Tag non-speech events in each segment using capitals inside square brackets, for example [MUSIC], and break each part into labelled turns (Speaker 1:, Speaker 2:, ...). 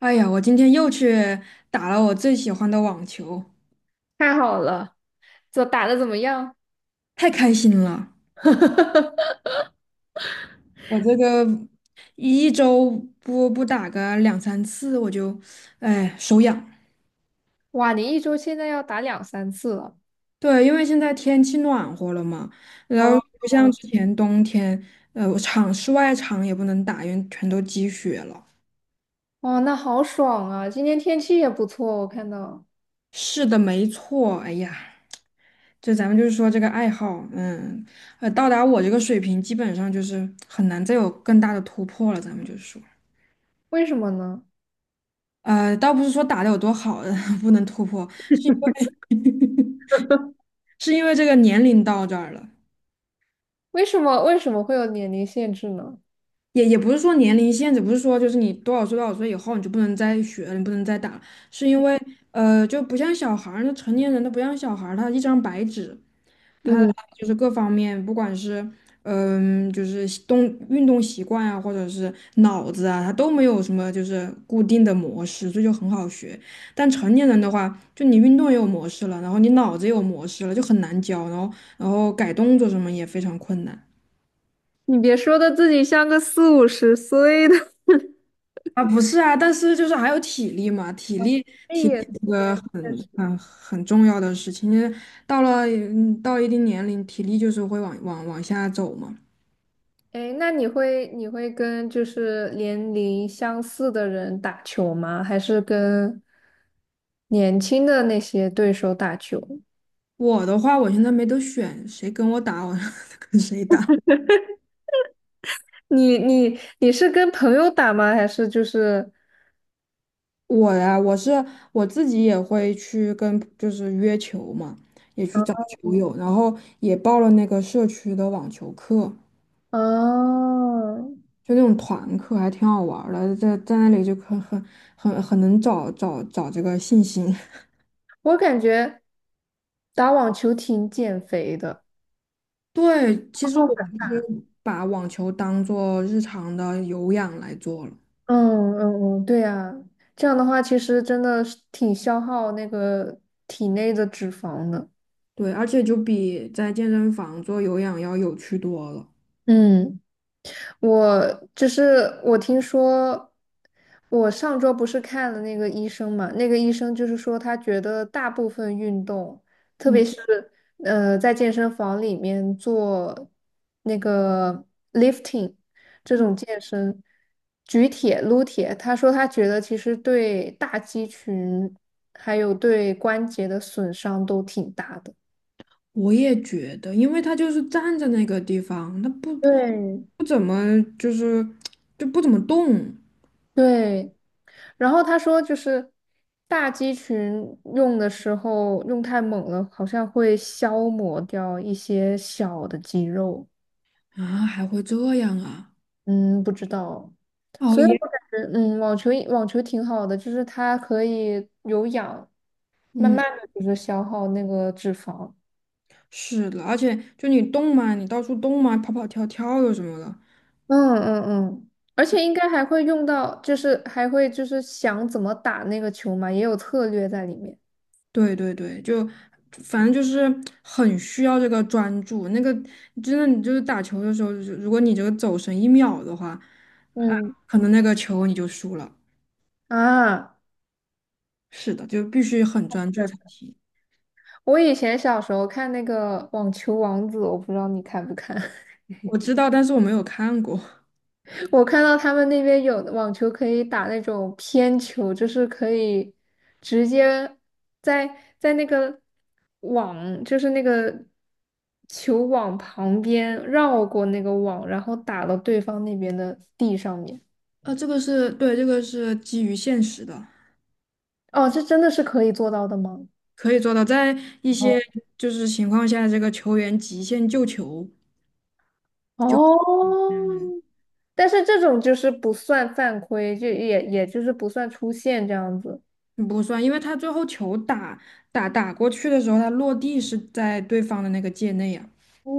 Speaker 1: 哎呀，我今天又去打了我最喜欢的网球，
Speaker 2: 太好了，这打的怎么样？
Speaker 1: 太开心了！
Speaker 2: [LAUGHS]
Speaker 1: 我这个一周不打个两三次，我就哎手痒。
Speaker 2: 哇，你一周现在要打两三次了，
Speaker 1: 对，因为现在天气暖和了嘛，然后
Speaker 2: 哦，
Speaker 1: 不像之前冬天，我室外场也不能打，因为全都积雪了。
Speaker 2: 哇，那好爽啊！今天天气也不错，我看到，
Speaker 1: 是的，没错。哎呀，就咱们就是说这个爱好，到达我这个水平，基本上就是很难再有更大的突破了。咱们就是说。
Speaker 2: 为什么呢？
Speaker 1: 倒不是说打得有多好，[LAUGHS] 不能突破，是因为 [LAUGHS] 是因为这个年龄到这儿了，
Speaker 2: 为什么会有年龄限制呢？
Speaker 1: 也不是说年龄限制，不是说就是你多少岁多少岁以后你就不能再学了，你不能再打了，是因为就不像小孩儿，那成年人都不像小孩儿，他一张白纸，他的
Speaker 2: 嗯，
Speaker 1: 就是各方面，不管是就是运动习惯啊，或者是脑子啊，他都没有什么就是固定的模式，这就很好学。但成年人的话，就你运动也有模式了，然后你脑子也有模式了，就很难教，然后改动作什么也非常困难。
Speaker 2: 你别说的自己像个四五十岁的。[LAUGHS]
Speaker 1: 啊，不是啊，但是就是还有体力嘛，体力
Speaker 2: 哎
Speaker 1: 体力
Speaker 2: 也
Speaker 1: 这个
Speaker 2: 对，确
Speaker 1: 很
Speaker 2: 实。
Speaker 1: 很很重要的事情，因为到了嗯到一定年龄，体力就是会往下走嘛。
Speaker 2: 哎，那你会跟就是年龄相似的人打球吗？还是跟年轻的那些对手打球？
Speaker 1: 我的话，我现在没得选，谁跟我打，我 [LAUGHS] 跟谁打。
Speaker 2: 你是跟朋友打吗？还是就是
Speaker 1: 我呀，我自己也会去跟，就是约球嘛，也去找
Speaker 2: 啊
Speaker 1: 球友，然后也报了那个社区的网球课，
Speaker 2: 哦，
Speaker 1: 就那种团课，还挺好玩儿的，在那里就很能找这个信心。
Speaker 2: 我感觉打网球挺减肥的。
Speaker 1: [LAUGHS] 对，其实
Speaker 2: 好
Speaker 1: 我
Speaker 2: 感
Speaker 1: 就
Speaker 2: 大
Speaker 1: 是把网球当做日常的有氧来做了，
Speaker 2: 嗯嗯嗯，对呀，这样的话其实真的是挺消耗那个体内的脂肪的。
Speaker 1: 对，而且就比在健身房做有氧要有趣多了。
Speaker 2: 嗯。我就是我听说，我上周不是看了那个医生嘛，那个医生就是说他觉得大部分运动，特
Speaker 1: 嗯
Speaker 2: 别
Speaker 1: 嗯。
Speaker 2: 是在健身房里面做那个 lifting 这种健身，举铁、撸铁，他说他觉得其实对大肌群还有对关节的损伤都挺大的。
Speaker 1: 我也觉得，因为他就是站在那个地方，他
Speaker 2: 对
Speaker 1: 不怎么就是就不怎么动
Speaker 2: 对，然后他说，就是大肌群用的时候用太猛了，好像会消磨掉一些小的肌肉。
Speaker 1: 啊，还会这样啊？
Speaker 2: 嗯，不知道，
Speaker 1: 哦
Speaker 2: 所以
Speaker 1: 耶，
Speaker 2: 我感觉，嗯，网球挺好的，就是它可以有氧，
Speaker 1: [LAUGHS]
Speaker 2: 慢慢
Speaker 1: 嗯，
Speaker 2: 的就是消耗那个脂肪。
Speaker 1: 是的，而且就你动嘛，你到处动嘛，跑跑跳跳的什么的，
Speaker 2: 嗯嗯嗯，而且应该还会用到，就是还会就是想怎么打那个球嘛，也有策略在里面。
Speaker 1: 对对对，就反正就是很需要这个专注。那个真的，你就是打球的时候，就是如果你这个走神一秒的话，啊，
Speaker 2: 嗯
Speaker 1: 可能那个球你就输了。
Speaker 2: 啊。
Speaker 1: 是的，就必须很专注才行。
Speaker 2: 我以前小时候看那个网球王子，我不知道你看不看。
Speaker 1: 我知道，但是我没有看过。
Speaker 2: [LAUGHS] 我看到他们那边有网球可以打那种偏球，就是可以直接在在那个网，就是那个球网旁边绕过那个网，然后打到对方那边的地上面。
Speaker 1: 这个是对，这个是基于现实的，
Speaker 2: 哦，这真的是可以做到的吗？
Speaker 1: 可以做到。在一些
Speaker 2: 哦，
Speaker 1: 就是情况下，这个球员极限救球
Speaker 2: 哦，
Speaker 1: 嗯，
Speaker 2: 但是这种就是不算犯规，就也就是不算出线这样子。
Speaker 1: 不算，因为他最后球打过去的时候，他落地是在对方的那个界内呀。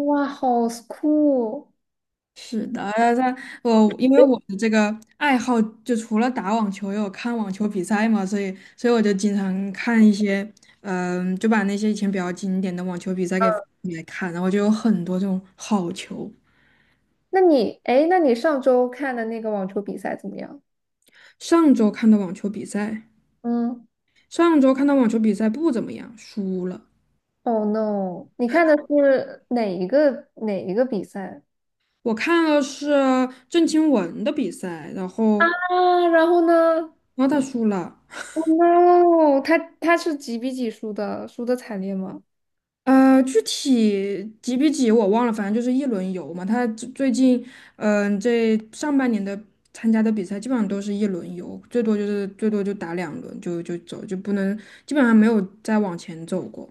Speaker 2: 哇，好酷！
Speaker 1: 是的，我因为我的这个爱好，就除了打网球，也有看网球比赛嘛，所以我就经常看一些，就把那些以前比较经典的网球比赛给翻出来看，然后就有很多这种好球。
Speaker 2: 那你，哎，那你上周看的那个网球比赛怎么样？
Speaker 1: 上周看的网球比赛，
Speaker 2: 嗯
Speaker 1: 上周看的网球比赛不怎么样，输了。
Speaker 2: ，Oh no！你看的是哪一个比赛
Speaker 1: 我看了是郑钦文的比赛，然
Speaker 2: 啊？
Speaker 1: 后
Speaker 2: 然后呢
Speaker 1: 然后他输了。
Speaker 2: ？Oh no！他是几比几输的？输的惨烈吗？
Speaker 1: 具体几比几我忘了，反正就是一轮游嘛。他最近，这上半年的参加的比赛基本上都是一轮游，最多就打两轮就走，就不能基本上没有再往前走过。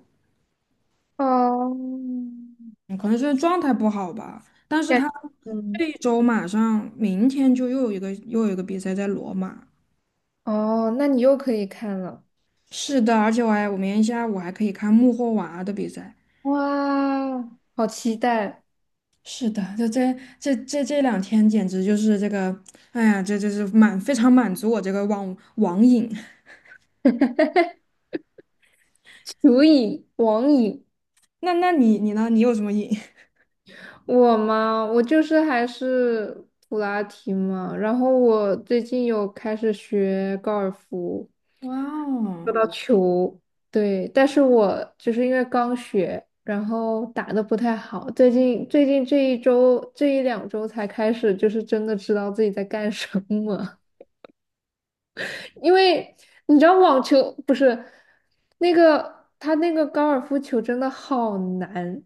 Speaker 2: 哦，
Speaker 1: 嗯可能是状态不好吧。但是
Speaker 2: 感
Speaker 1: 他
Speaker 2: [LAUGHS] 嗯，
Speaker 1: 这一周马上明天就又有一个比赛在罗马。
Speaker 2: 哦，那你又可以看了，
Speaker 1: 是的，而且我明天下午还可以看穆霍娃的比赛。
Speaker 2: 哇，好期待！
Speaker 1: 是的，这两天简直就是这个，哎呀，这是非常满足我这个网瘾。
Speaker 2: [LAUGHS] 球瘾，网影。
Speaker 1: [LAUGHS] 那你呢？你有什么瘾？
Speaker 2: 我嘛，我就是还是普拉提嘛，然后我最近有开始学高尔夫，
Speaker 1: [LAUGHS] 哇
Speaker 2: 说
Speaker 1: 哦，
Speaker 2: 到球，对，但是我就是因为刚学，然后打的不太好，最近这一周这一两周才开始，就是真的知道自己在干什么。因为你知道网球不是那个他那个高尔夫球真的好难，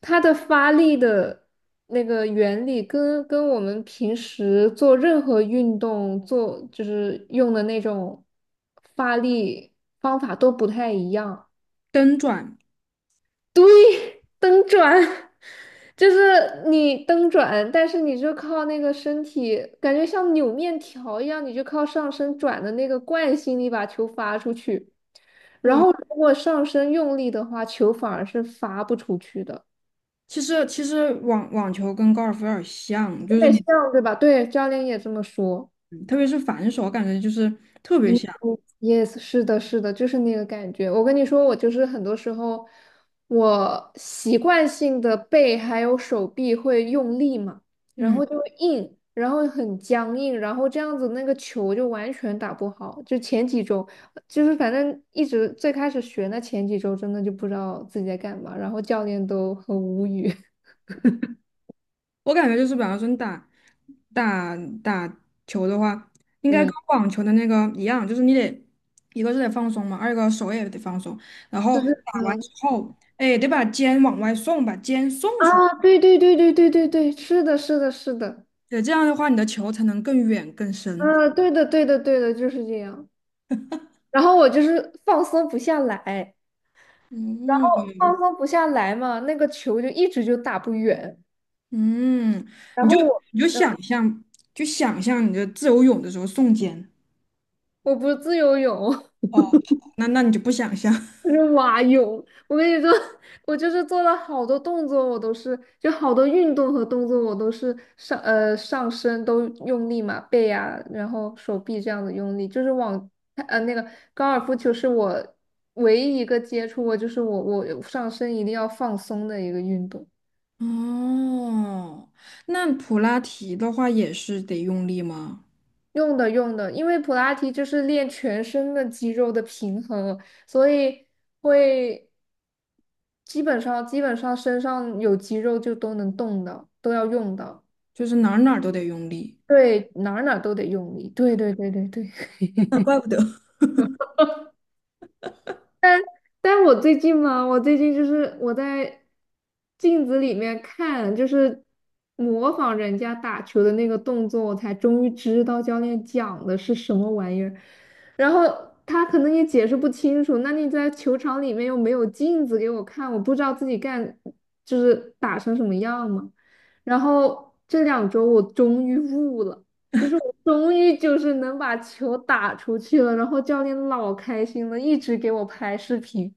Speaker 2: 它的发力的那个原理跟我们平时做任何运动做就是用的那种发力方法都不太一样。
Speaker 1: 蹬转。
Speaker 2: 对。蹬转，[LAUGHS] 就是你蹬转，但是你就靠那个身体，感觉像扭面条一样，你就靠上身转的那个惯性力把球发出去。然
Speaker 1: 对，
Speaker 2: 后如果上身用力的话，球反而是发不出去的，
Speaker 1: 其实网球跟高尔夫有点像，
Speaker 2: 有
Speaker 1: 就是
Speaker 2: 点
Speaker 1: 你
Speaker 2: 像，对吧？对，教练也这么说。
Speaker 1: 特别是反手，感觉就是特别
Speaker 2: Yes,
Speaker 1: 像。
Speaker 2: yes，是的，是的，就是那个感觉。我跟你说，我就是很多时候，我习惯性的背还有手臂会用力嘛，然
Speaker 1: 嗯。
Speaker 2: 后就会硬，然后很僵硬，然后这样子那个球就完全打不好。就前几周，就是反正一直最开始学那前几周，真的就不知道自己在干嘛，然后教练都很无语。[LAUGHS]
Speaker 1: 我感觉就是，比方说你打打球的话，应该跟
Speaker 2: 嗯，
Speaker 1: 网球的那个一样，就是你得一个是得放松嘛，二一个手也得放松，然后
Speaker 2: 就是
Speaker 1: 打完之
Speaker 2: 嗯
Speaker 1: 后，哎，得把肩往外送，把肩送出去，
Speaker 2: 啊，对对对对对对对，是的，是的，是的。
Speaker 1: 对，这样的话你的球才能更远更深。
Speaker 2: 嗯，对的，对的，对的，就是这样。然后我就是放松不下来，
Speaker 1: 嗯
Speaker 2: 放松不下来，那个球就一直就打不远。
Speaker 1: 嗯，
Speaker 2: 然
Speaker 1: 你就
Speaker 2: 后我，
Speaker 1: 你就
Speaker 2: 嗯，
Speaker 1: 想象，就想象你的自由泳的时候送肩。
Speaker 2: 我不是自由泳，
Speaker 1: 哦，那你就不想象。[LAUGHS]
Speaker 2: [LAUGHS] 我是蛙泳。我跟你说，[LAUGHS] 我就是做了好多动作，我都是就好多运动和动作，我都是上上身都用力嘛，背啊，然后手臂这样子用力，就是往那个高尔夫球是我唯一一个接触过，就是我上身一定要放松的一个运动。
Speaker 1: 哦，那普拉提的话也是得用力吗？
Speaker 2: 用的用的，因为普拉提就是练全身的肌肉的平衡，所以会基本上身上有肌肉就都能动的，都要用的。
Speaker 1: 就是哪儿哪儿都得用力。
Speaker 2: 对，哪儿哪儿都得用力。对对对对对。
Speaker 1: [LAUGHS]
Speaker 2: [LAUGHS]
Speaker 1: 啊怪不得。[LAUGHS]
Speaker 2: 但我最近嘛，我就是我在镜子里面看，就是模仿人家打球的那个动作，我才终于知道教练讲的是什么玩意儿。然后他可能也解释不清楚，那你在球场里面又没有镜子给我看，我不知道自己干就是打成什么样嘛。然后这两周我终于悟了。就是我终于就是能把球打出去了，然后教练老开心了，一直给我拍视频。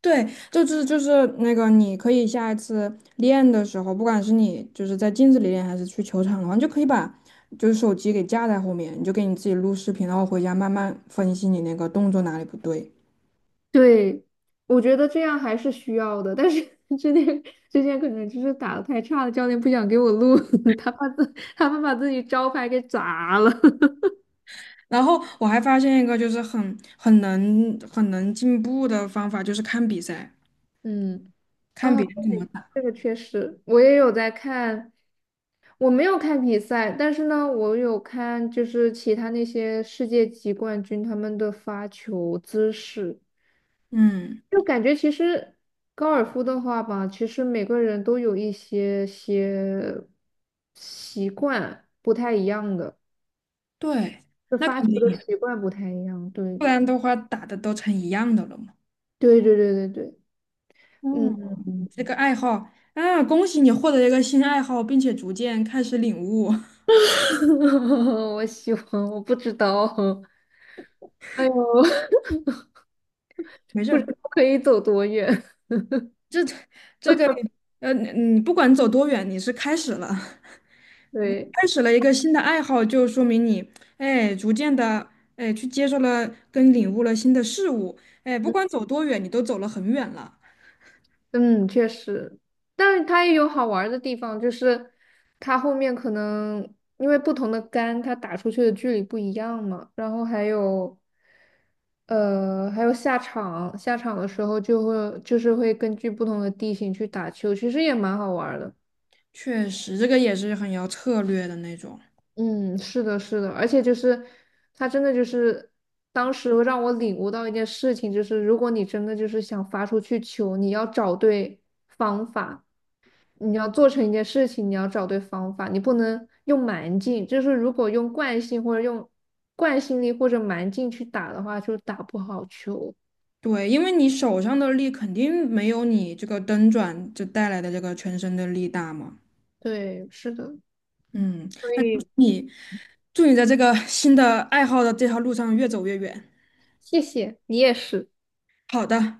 Speaker 1: 对，就是那个，你可以下一次练的时候，不管是你就是在镜子里练，还是去球场的话，你就可以把就是手机给架在后面，你就给你自己录视频，然后回家慢慢分析你那个动作哪里不对。
Speaker 2: 对，我觉得这样还是需要的，但是 [LAUGHS] 之前之前可能就是打的太差了，教练不想给我录，[LAUGHS] 他怕自他怕把自己招牌给砸了。[LAUGHS]
Speaker 1: 然后我还发现一个就是很能进步的方法，就是看比赛，
Speaker 2: 嗯，
Speaker 1: 看
Speaker 2: 哦，
Speaker 1: 别人怎么打。
Speaker 2: 这个确实，我也有在看，我没有看比赛，但是呢，我有看就是其他那些世界级冠军他们的发球姿势。
Speaker 1: 嗯，
Speaker 2: 就感觉其实高尔夫的话吧，其实每个人都有一些些习惯不太一样的，
Speaker 1: 对，
Speaker 2: 就
Speaker 1: 那
Speaker 2: 发
Speaker 1: 肯
Speaker 2: 球
Speaker 1: 定
Speaker 2: 的
Speaker 1: 呀，
Speaker 2: 习惯不太一样。
Speaker 1: 不
Speaker 2: 对，
Speaker 1: 然的话打的都成一样的了嘛。
Speaker 2: 对对对对对，
Speaker 1: 嗯。
Speaker 2: 嗯，
Speaker 1: 这个爱好啊，恭喜你获得一个新爱好，并且逐渐开始领悟。
Speaker 2: [LAUGHS] 我喜欢，我不知道，[LAUGHS] 哎呦，[LAUGHS]
Speaker 1: [LAUGHS] 没事
Speaker 2: 不知
Speaker 1: 儿，
Speaker 2: 道可以走多远。[LAUGHS]
Speaker 1: 这个你你不管走多远，你是开始了，[LAUGHS]
Speaker 2: 对。
Speaker 1: 开始了一个新的爱好，就说明你哎，逐渐的哎，去接受了跟领悟了新的事物。哎，不管走多远，你都走了很远了。
Speaker 2: 嗯，确实，但是它也有好玩儿的地方，就是它后面可能因为不同的杆，它打出去的距离不一样嘛，然后还有，还有下场，下场的时候就会就是会根据不同的地形去打球，其实也蛮好玩儿的。
Speaker 1: 确实，这个也是很要策略的那种。
Speaker 2: 嗯，是的，是的，而且就是它真的就是当时让我领悟到一件事情，就是如果你真的就是想发出去球，你要找对方法。你要做成一件事情，你要找对方法，你不能用蛮劲。就是如果用惯性或者用惯性力或者蛮劲去打的话，就打不好球。
Speaker 1: 对，因为你手上的力肯定没有你这个蹬转就带来的这个全身的力大嘛。
Speaker 2: 对，是的，
Speaker 1: 嗯，
Speaker 2: 所
Speaker 1: 那
Speaker 2: 以
Speaker 1: 祝你在这个新的爱好的这条路上越走越远。
Speaker 2: 谢谢你也是。
Speaker 1: 好的，